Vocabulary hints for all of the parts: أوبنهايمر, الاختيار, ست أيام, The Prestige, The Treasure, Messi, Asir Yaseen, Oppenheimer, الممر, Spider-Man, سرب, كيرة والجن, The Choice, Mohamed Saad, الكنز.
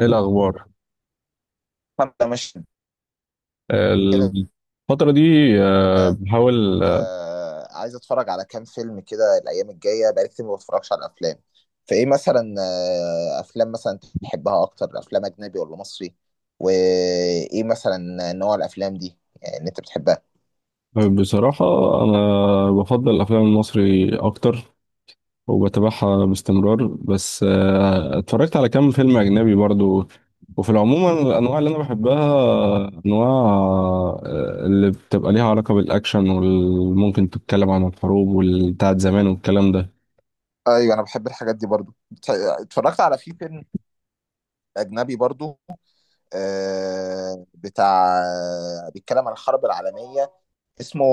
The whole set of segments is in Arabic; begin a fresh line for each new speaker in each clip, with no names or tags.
ايه الاخبار؟
احنا مش
إيه
كده
الفتره دي؟
آه،
بحاول.
آه، عايز اتفرج على كام فيلم كده الايام الجايه، بقالي كتير ما بتفرجش على الافلام. فايه مثلا، افلام مثلا تحبها اكتر، افلام اجنبي ولا مصري؟ وايه مثلا نوع الافلام دي يعني اللي انت بتحبها؟
بصراحه انا بفضل الافلام المصري اكتر وبتابعها باستمرار، بس اتفرجت على كام فيلم اجنبي برضو. وفي العموم أنا الانواع اللي انا بحبها انواع اللي بتبقى ليها علاقه بالاكشن، وممكن تتكلم عن الحروب والبتاعت زمان والكلام ده.
ايوه، انا بحب الحاجات دي برضو. اتفرجت على في فيلم اجنبي برضو، بتاع، بيتكلم عن الحرب العالميه، اسمه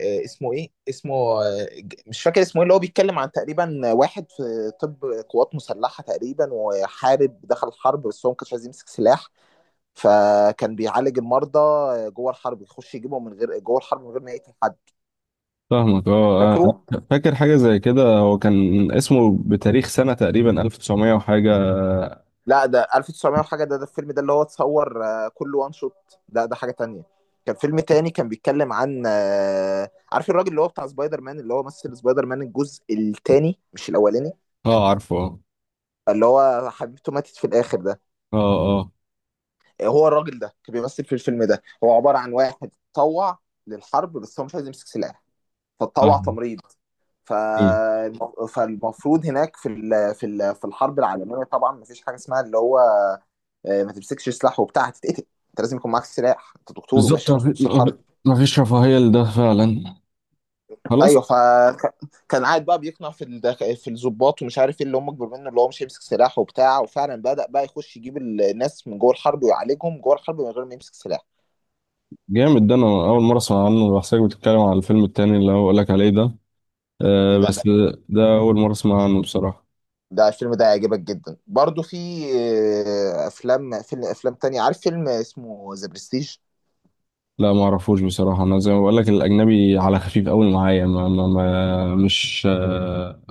اسمه ايه، اسمه مش فاكر اسمه ايه، اللي هو بيتكلم عن تقريبا واحد في طب قوات مسلحة تقريبا، وحارب، دخل الحرب بس هو ما كانش عايز يمسك سلاح، فكان بيعالج المرضى جوه الحرب، يخش يجيبهم من غير، جوه الحرب من غير ما يقتل حد.
فاهمك، اه.
فاكره؟ اه.
فاكر حاجه زي كده، هو كان اسمه بتاريخ سنه تقريبا 1900 وحاجه.
لا، ده 1900 وحاجة، ده الفيلم ده اللي هو اتصور كله وان شوت، ده حاجة تانية. كان فيلم تاني كان بيتكلم عن عارف الراجل اللي هو بتاع سبايدر مان، اللي هو مثل سبايدر مان الجزء التاني مش الأولاني،
اه، عارفه، اه،
اللي هو حبيبته ماتت في الاخر ده،
اه، اه،
هو الراجل ده كان بيمثل في الفيلم ده، هو عباره عن واحد اتطوع للحرب بس هو مش عايز يمسك سلاح، فاتطوع
فاهم،
تمريض. ف...
إيه.
فالمفروض هناك في ال... في ال... في الحرب العالميه طبعا مفيش حاجه اسمها اللي هو ما تمسكش سلاح وبتاع، هتتقتل، انت لازم يكون معاك سلاح، انت دكتور
بالظبط،
وماشي في نص الحرب.
ما فيش رفاهية لده فعلا، خلاص.
ايوه، فكان قاعد بقى بيقنع في في الضباط ومش عارف ايه اللي هم اكبر منه، اللي هو مش هيمسك سلاح وبتاع، وفعلا بدأ بقى يخش يجيب الناس من جوه الحرب ويعالجهم جوه الحرب من غير ما يمسك سلاح.
جامد، ده انا اول مرة اسمع عنه، بحسك بتتكلم على الفيلم التاني اللي هقول لك عليه ده. آه
ده
بس ده اول مرة اسمع عنه بصراحة.
ده الفيلم ده هيعجبك جدا برضو. في افلام، فيلم، افلام تانية، عارف فيلم اسمه ذا برستيج؟
لا، ما اعرفوش بصراحة، انا زي ما بقول لك الاجنبي على خفيف قوي معايا، ما ما ما مش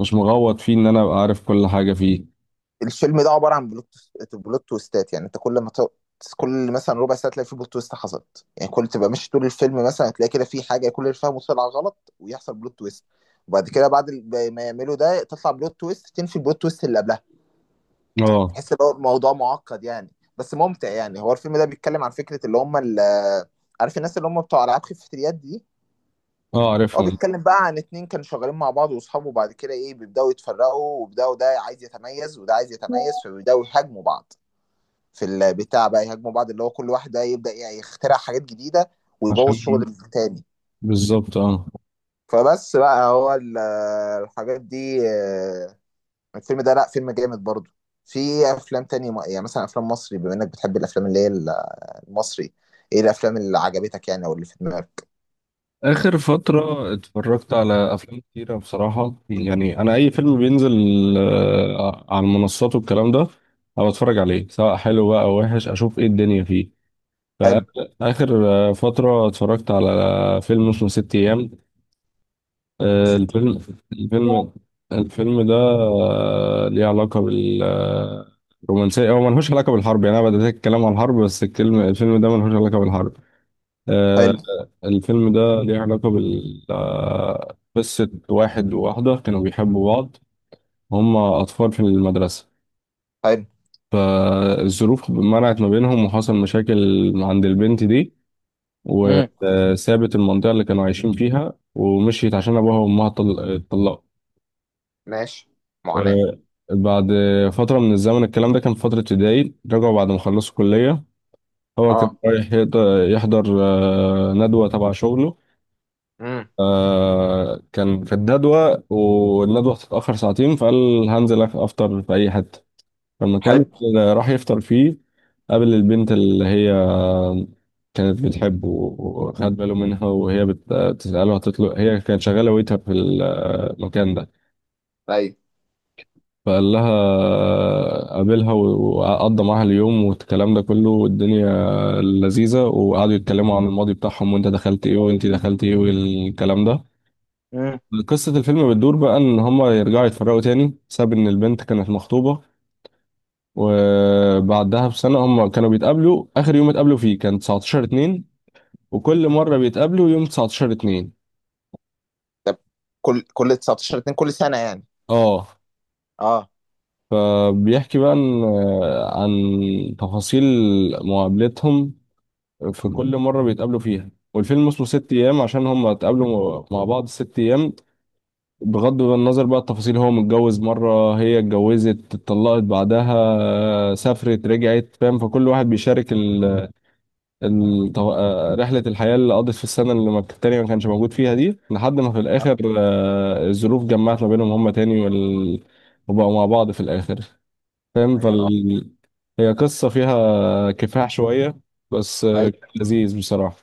مش مغوط فيه ان انا ابقى عارف كل حاجة فيه.
الفيلم ده عباره عن بلوت، بلوت تويستات، يعني انت كل ما ت- كل مثلا ربع ساعه تلاقي في بلوت تويست حصلت، يعني كل تبقى ماشي طول الفيلم مثلا تلاقي كده في حاجه، كل اللي فاهمه طلع غلط، ويحصل بلوت تويست، وبعد كده بعد ما يعملوا ده تطلع بلوت تويست تنفي البلوت تويست اللي قبلها.
اه،
تحس ان هو الموضوع معقد يعني، بس ممتع يعني. هو الفيلم ده بيتكلم عن فكره اللي هم عارف الناس اللي هم بتوع العاب خفة اليد دي،
اه،
هو
عارفهم.
بيتكلم بقى عن اتنين كانوا شغالين مع بعض واصحابه، وبعد كده ايه بيبداوا يتفرقوا، وبداوا ده عايز يتميز وده عايز يتميز، فبيبداوا يهاجموا بعض في البتاع بقى، يهاجموا بعض اللي هو كل واحد بقى يبدا يعني يخترع حاجات جديده ويبوظ شغل
عشان،
التاني.
بالظبط، اه.
فبس بقى هو الحاجات دي، الفيلم ده لا فيلم جامد برضه. في افلام تانية، يعني مثلا افلام مصري، بما انك بتحب الافلام اللي هي المصري، ايه الافلام اللي عجبتك يعني او اللي في دماغك؟
آخر فترة اتفرجت على أفلام كتيرة بصراحة، يعني أنا أي فيلم بينزل على المنصات والكلام ده أنا بتفرج عليه، سواء حلو بقى أو وحش، أشوف إيه الدنيا فيه.
حلو.
فآخر فترة اتفرجت على فيلم اسمه ست أيام. آه،
ست.
الفيلم الفيلم الفيلم ده ليه علاقة بالرومانسية، هو ملهوش علاقة بالحرب، يعني أنا بدأت أتكلم عن الحرب بس الكلمة الفيلم ده ملهوش علاقة بالحرب. آه،
حلو.
الفيلم ده ليه علاقة بال قصة واحد وواحدة كانوا بيحبوا بعض، هما أطفال في المدرسة.
حلو.
فالظروف منعت ما بينهم وحصل مشاكل عند البنت دي،
امم.
وسابت المنطقة اللي كانوا عايشين فيها ومشيت عشان أبوها وأمها اتطلقوا.
ماشي. معاناة.
آه، بعد فترة من الزمن، الكلام ده كان في فترة ابتدائي، رجعوا بعد ما خلصوا كلية. هو كان
اه.
رايح يحضر ندوة تبع شغله.
امم.
كان في الجدول والندوة هتتأخر ساعتين، فقال هنزل أفطر في أي حتة. فالمكان
حلو.
اللي راح يفطر فيه قابل البنت اللي هي كانت بتحبه وخد باله منها، وهي بتسأله هتطلب، هي كانت شغالة ويتر في المكان ده.
ايوه.
فقال لها، قابلها وقضى معاها اليوم والكلام ده كله، والدنيا لذيذة، وقعدوا يتكلموا عن الماضي بتاعهم، وانت دخلت ايه وانت دخلت ايه والكلام ده.
امم.
قصة الفيلم بتدور بقى إن هما يرجعوا يتفرقوا تاني بسبب إن البنت كانت مخطوبة، وبعدها بسنة هما كانوا بيتقابلوا، آخر يوم اتقابلوا فيه كان 19 2، وكل مرة بيتقابلوا يوم 19 2.
طب، كل 19 2، كل سنه يعني؟
اه.
اه،
فبيحكي بقى إن عن تفاصيل مقابلتهم في كل مرة بيتقابلوا فيها. والفيلم اسمه ست أيام عشان هما اتقابلوا مع بعض ست أيام، بغض النظر بقى التفاصيل، هو متجوز مرة، هي اتجوزت اتطلقت بعدها سافرت رجعت، فاهم؟ فكل واحد بيشارك ال... ال... طو- آه، رحلة الحياة اللي قضت في السنة اللي ما التانية ما كانش موجود فيها دي، لحد ما في الآخر الظروف جمعت ما بينهم هما تاني وبقوا مع بعض في الآخر، فاهم؟
ايوه، اه،
هي قصة فيها كفاح شوية، بس
ايوه،
كان لذيذ بصراحة.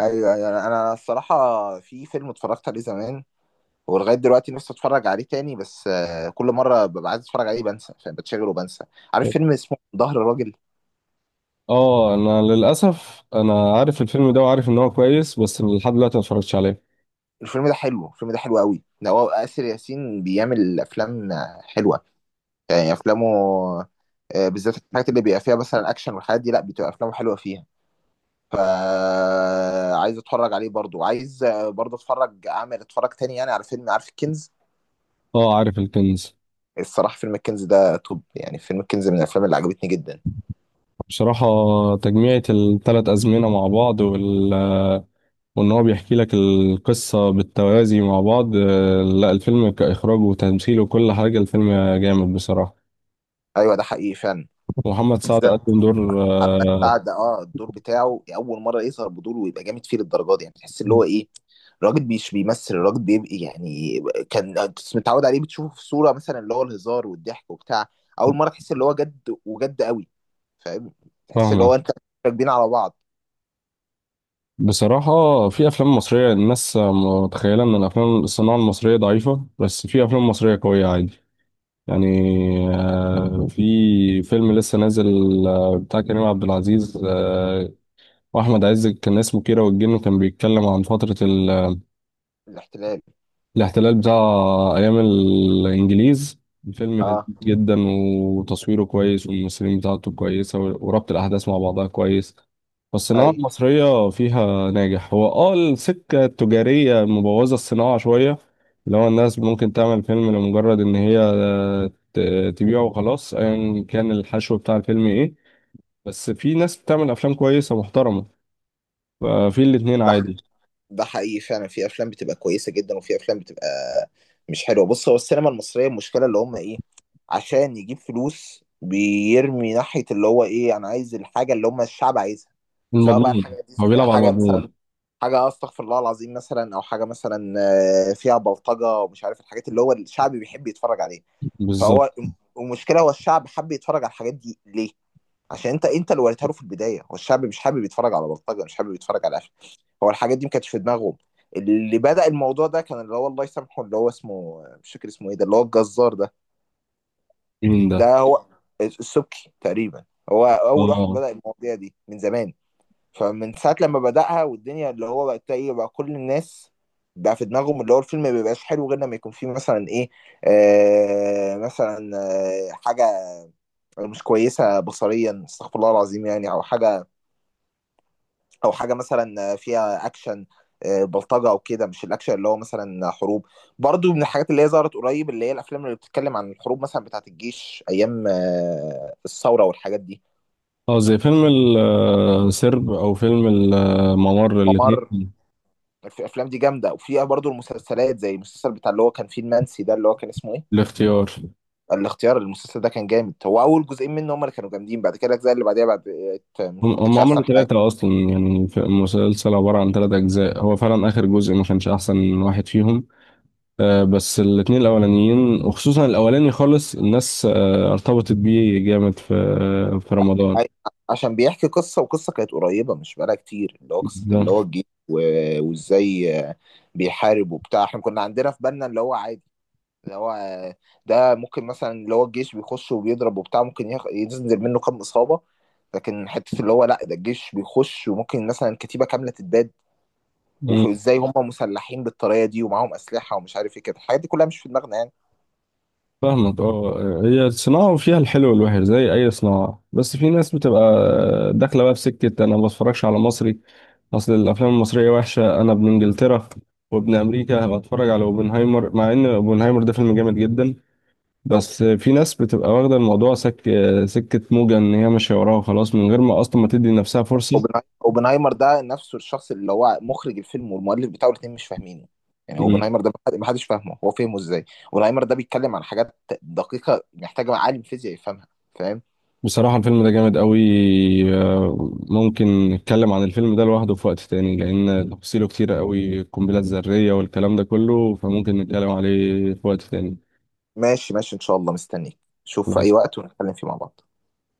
ايوه، ايوه، أنا الصراحه في فيلم اتفرجت عليه زمان، ولغايه دلوقتي نفسي اتفرج عليه تاني، بس كل مره ببقى عايز اتفرج عليه بنسى، فاهم، بتشغل وبنسى. عارف فيلم اسمه ظهر الراجل؟
اه، انا للاسف انا عارف الفيلم ده وعارف ان هو كويس، بس لحد دلوقتي ما اتفرجتش عليه.
الفيلم ده حلو، قوي، ده هو آسر ياسين بيعمل افلام حلوه يعني. افلامه بالذات الحاجات اللي بيبقى فيها مثلا اكشن والحاجات دي، لا بتبقى افلامه حلوه فيها. فعايز اتفرج عليه برضو، عايز برضو اتفرج اعمل اتفرج تاني يعني على فيلم. عارف الكنز؟
اه، عارف الكنز.
الصراحه فيلم الكنز ده توب يعني، فيلم الكنز من الافلام اللي عجبتني جدا.
بصراحة تجميعة الثلاث أزمنة مع بعض وإن هو بيحكي لك القصة بالتوازي مع بعض، لا الفيلم كإخراج وتمثيل وكل حاجة، الفيلم جامد بصراحة.
ايوه، ده حقيقي فعلا،
محمد سعد
بالذات
قدم دور
محمد سعد، اه الدور بتاعه اول مره يظهر بدور ويبقى جامد فيه للدرجه دي، يعني تحس اللي هو ايه، الراجل مش بيمثل، الراجل بيبقى يعني، كان أنت متعود عليه بتشوفه في صوره مثلا اللي هو الهزار والضحك وبتاع، اول مره تحس اللي هو جد وجد قوي، فاهم، تحس اللي
فاهمك.
هو انت راكبين على بعض.
بصراحة في أفلام مصرية، الناس متخيلة إن الأفلام الصناعة المصرية ضعيفة، بس في أفلام مصرية قوية عادي يعني. في فيلم لسه نازل بتاع كريم عبد العزيز واحمد عز، كان اسمه كيرة والجن، كان بيتكلم عن فترة
الاحتلال.
الاحتلال بتاع ايام الانجليز. الفيلم لذيذ
اه.
جدا، وتصويره كويس، والممثلين بتاعته كويسة، وربط الاحداث مع بعضها كويس. فالصناعة
اي،
المصرية فيها ناجح، هو اه السكة التجارية مبوظة الصناعة شوية، اللي هو الناس ممكن تعمل فيلم لمجرد ان هي تبيعه وخلاص، ايا كان الحشو بتاع الفيلم ايه. بس في ناس بتعمل افلام كويسة محترمة، ففي الاتنين
ده
عادي.
ده حقيقي فعلا، في افلام بتبقى كويسه جدا وفي افلام بتبقى مش حلوه. بص، هو السينما المصريه، المشكله اللي هم ايه، عشان يجيب فلوس بيرمي ناحيه اللي هو ايه، انا عايز الحاجه اللي هم الشعب عايزها، سواء بقى
المضمون،
الحاجه دي،
هو بيلعب على
حاجه مثلا،
المضمون.
حاجه استغفر الله العظيم مثلا، او حاجه مثلا فيها بلطجه ومش عارف الحاجات اللي هو الشعب بيحب يتفرج عليها.
بالظبط.
فهو المشكله، هو الشعب حب يتفرج على الحاجات دي ليه، عشان انت اللي وريتها له في البدايه، هو الشعب مش حابب يتفرج على بلطجه، مش حابب يتفرج على قفل، هو الحاجات دي ما كانتش في دماغهم. اللي بدأ الموضوع ده كان اللي هو الله يسامحه، اللي هو اسمه مش فاكر اسمه ايه ده، اللي هو الجزار ده،
مين ده؟
ده هو السبكي تقريبا، هو اول واحد
اه،
بدأ المواضيع دي من زمان. فمن ساعه لما بدأها والدنيا، اللي هو بقى ايه، بقى كل الناس بقى في دماغهم اللي هو الفيلم ما بيبقاش حلو غير لما يكون فيه مثلا ايه، آه مثلا آه حاجه مش كويسه بصريا استغفر الله العظيم يعني، او حاجه، او حاجه مثلا فيها اكشن، بلطجه او كده، مش الاكشن اللي هو مثلا حروب. برضو من الحاجات اللي هي ظهرت قريب اللي هي الافلام اللي بتتكلم عن الحروب مثلا، بتاعه الجيش ايام الثوره والحاجات دي.
اه، زي فيلم سرب او فيلم الممر،
ممر،
الاثنين.
في الافلام دي جامده، وفيها برضو المسلسلات زي المسلسل بتاع اللي هو كان فيه المنسي ده اللي هو كان اسمه ايه.
الاختيار،
الاختيار، المسلسل ده كان جامد، هو اول جزئين منه هم اللي كانوا جامدين، بعد كده الاجزاء اللي بعديها بعد،
هم
ما
هم
كانتش
عملوا
احسن حاجه.
ثلاثة أصلا يعني، المسلسل عبارة عن ثلاثة أجزاء، هو فعلا آخر جزء ما كانش أحسن واحد فيهم. آه بس الاتنين الأولانيين وخصوصا الأولاني خالص، الناس آه ارتبطت بيه جامد في في رمضان
أي- عشان بيحكي قصة، وقصة كانت قريبة مش بقالها كتير، اللي هو قصة
ده.
اللي هو الجيش وازاي بيحارب وبتاع، احنا كنا عندنا في بالنا اللي هو عادي، اللي هو ده ممكن مثلا اللي هو الجيش بيخش وبيضرب وبتاع، ممكن ينزل منه كام إصابة، لكن حتة اللي هو لا ده الجيش بيخش وممكن مثلا كتيبة كاملة تتباد، وازاي هم مسلحين بالطريقة دي ومعاهم أسلحة ومش عارف ايه كده، الحاجات دي كلها مش في دماغنا.
فاهمك، اه، هي الصناعة وفيها الحلو والوحش زي أي صناعة، بس في ناس بتبقى داخلة بقى في سكة أنا ما بتفرجش على مصري، أصل الأفلام المصرية وحشة، أنا ابن إنجلترا وابن أمريكا، بتفرج على أوبنهايمر، مع إن أوبنهايمر ده فيلم جامد جدا.
يعني
بس في ناس بتبقى واخدة الموضوع سكة موجة إن هي ماشية وراها وخلاص، من غير ما أصلا ما تدي نفسها فرصة.
اوبنهايمر ده نفسه الشخص اللي هو مخرج الفيلم والمؤلف بتاعه الاثنين مش فاهمينه، يعني اوبنهايمر ده ما حدش فاهمه، هو فهمه ازاي، اوبنهايمر ده بيتكلم عن حاجات دقيقة محتاجة عالم فيزياء يفهمها، فاهم.
بصراحة الفيلم ده جامد قوي، ممكن نتكلم عن الفيلم ده لوحده في وقت تاني لأن تفاصيله كتيرة قوي، القنبلة الذرية والكلام ده كله، فممكن نتكلم عليه في وقت تاني.
ماشي ماشي، ان شاء الله مستنيك، شوف في اي وقت ونتكلم فيه مع بعض.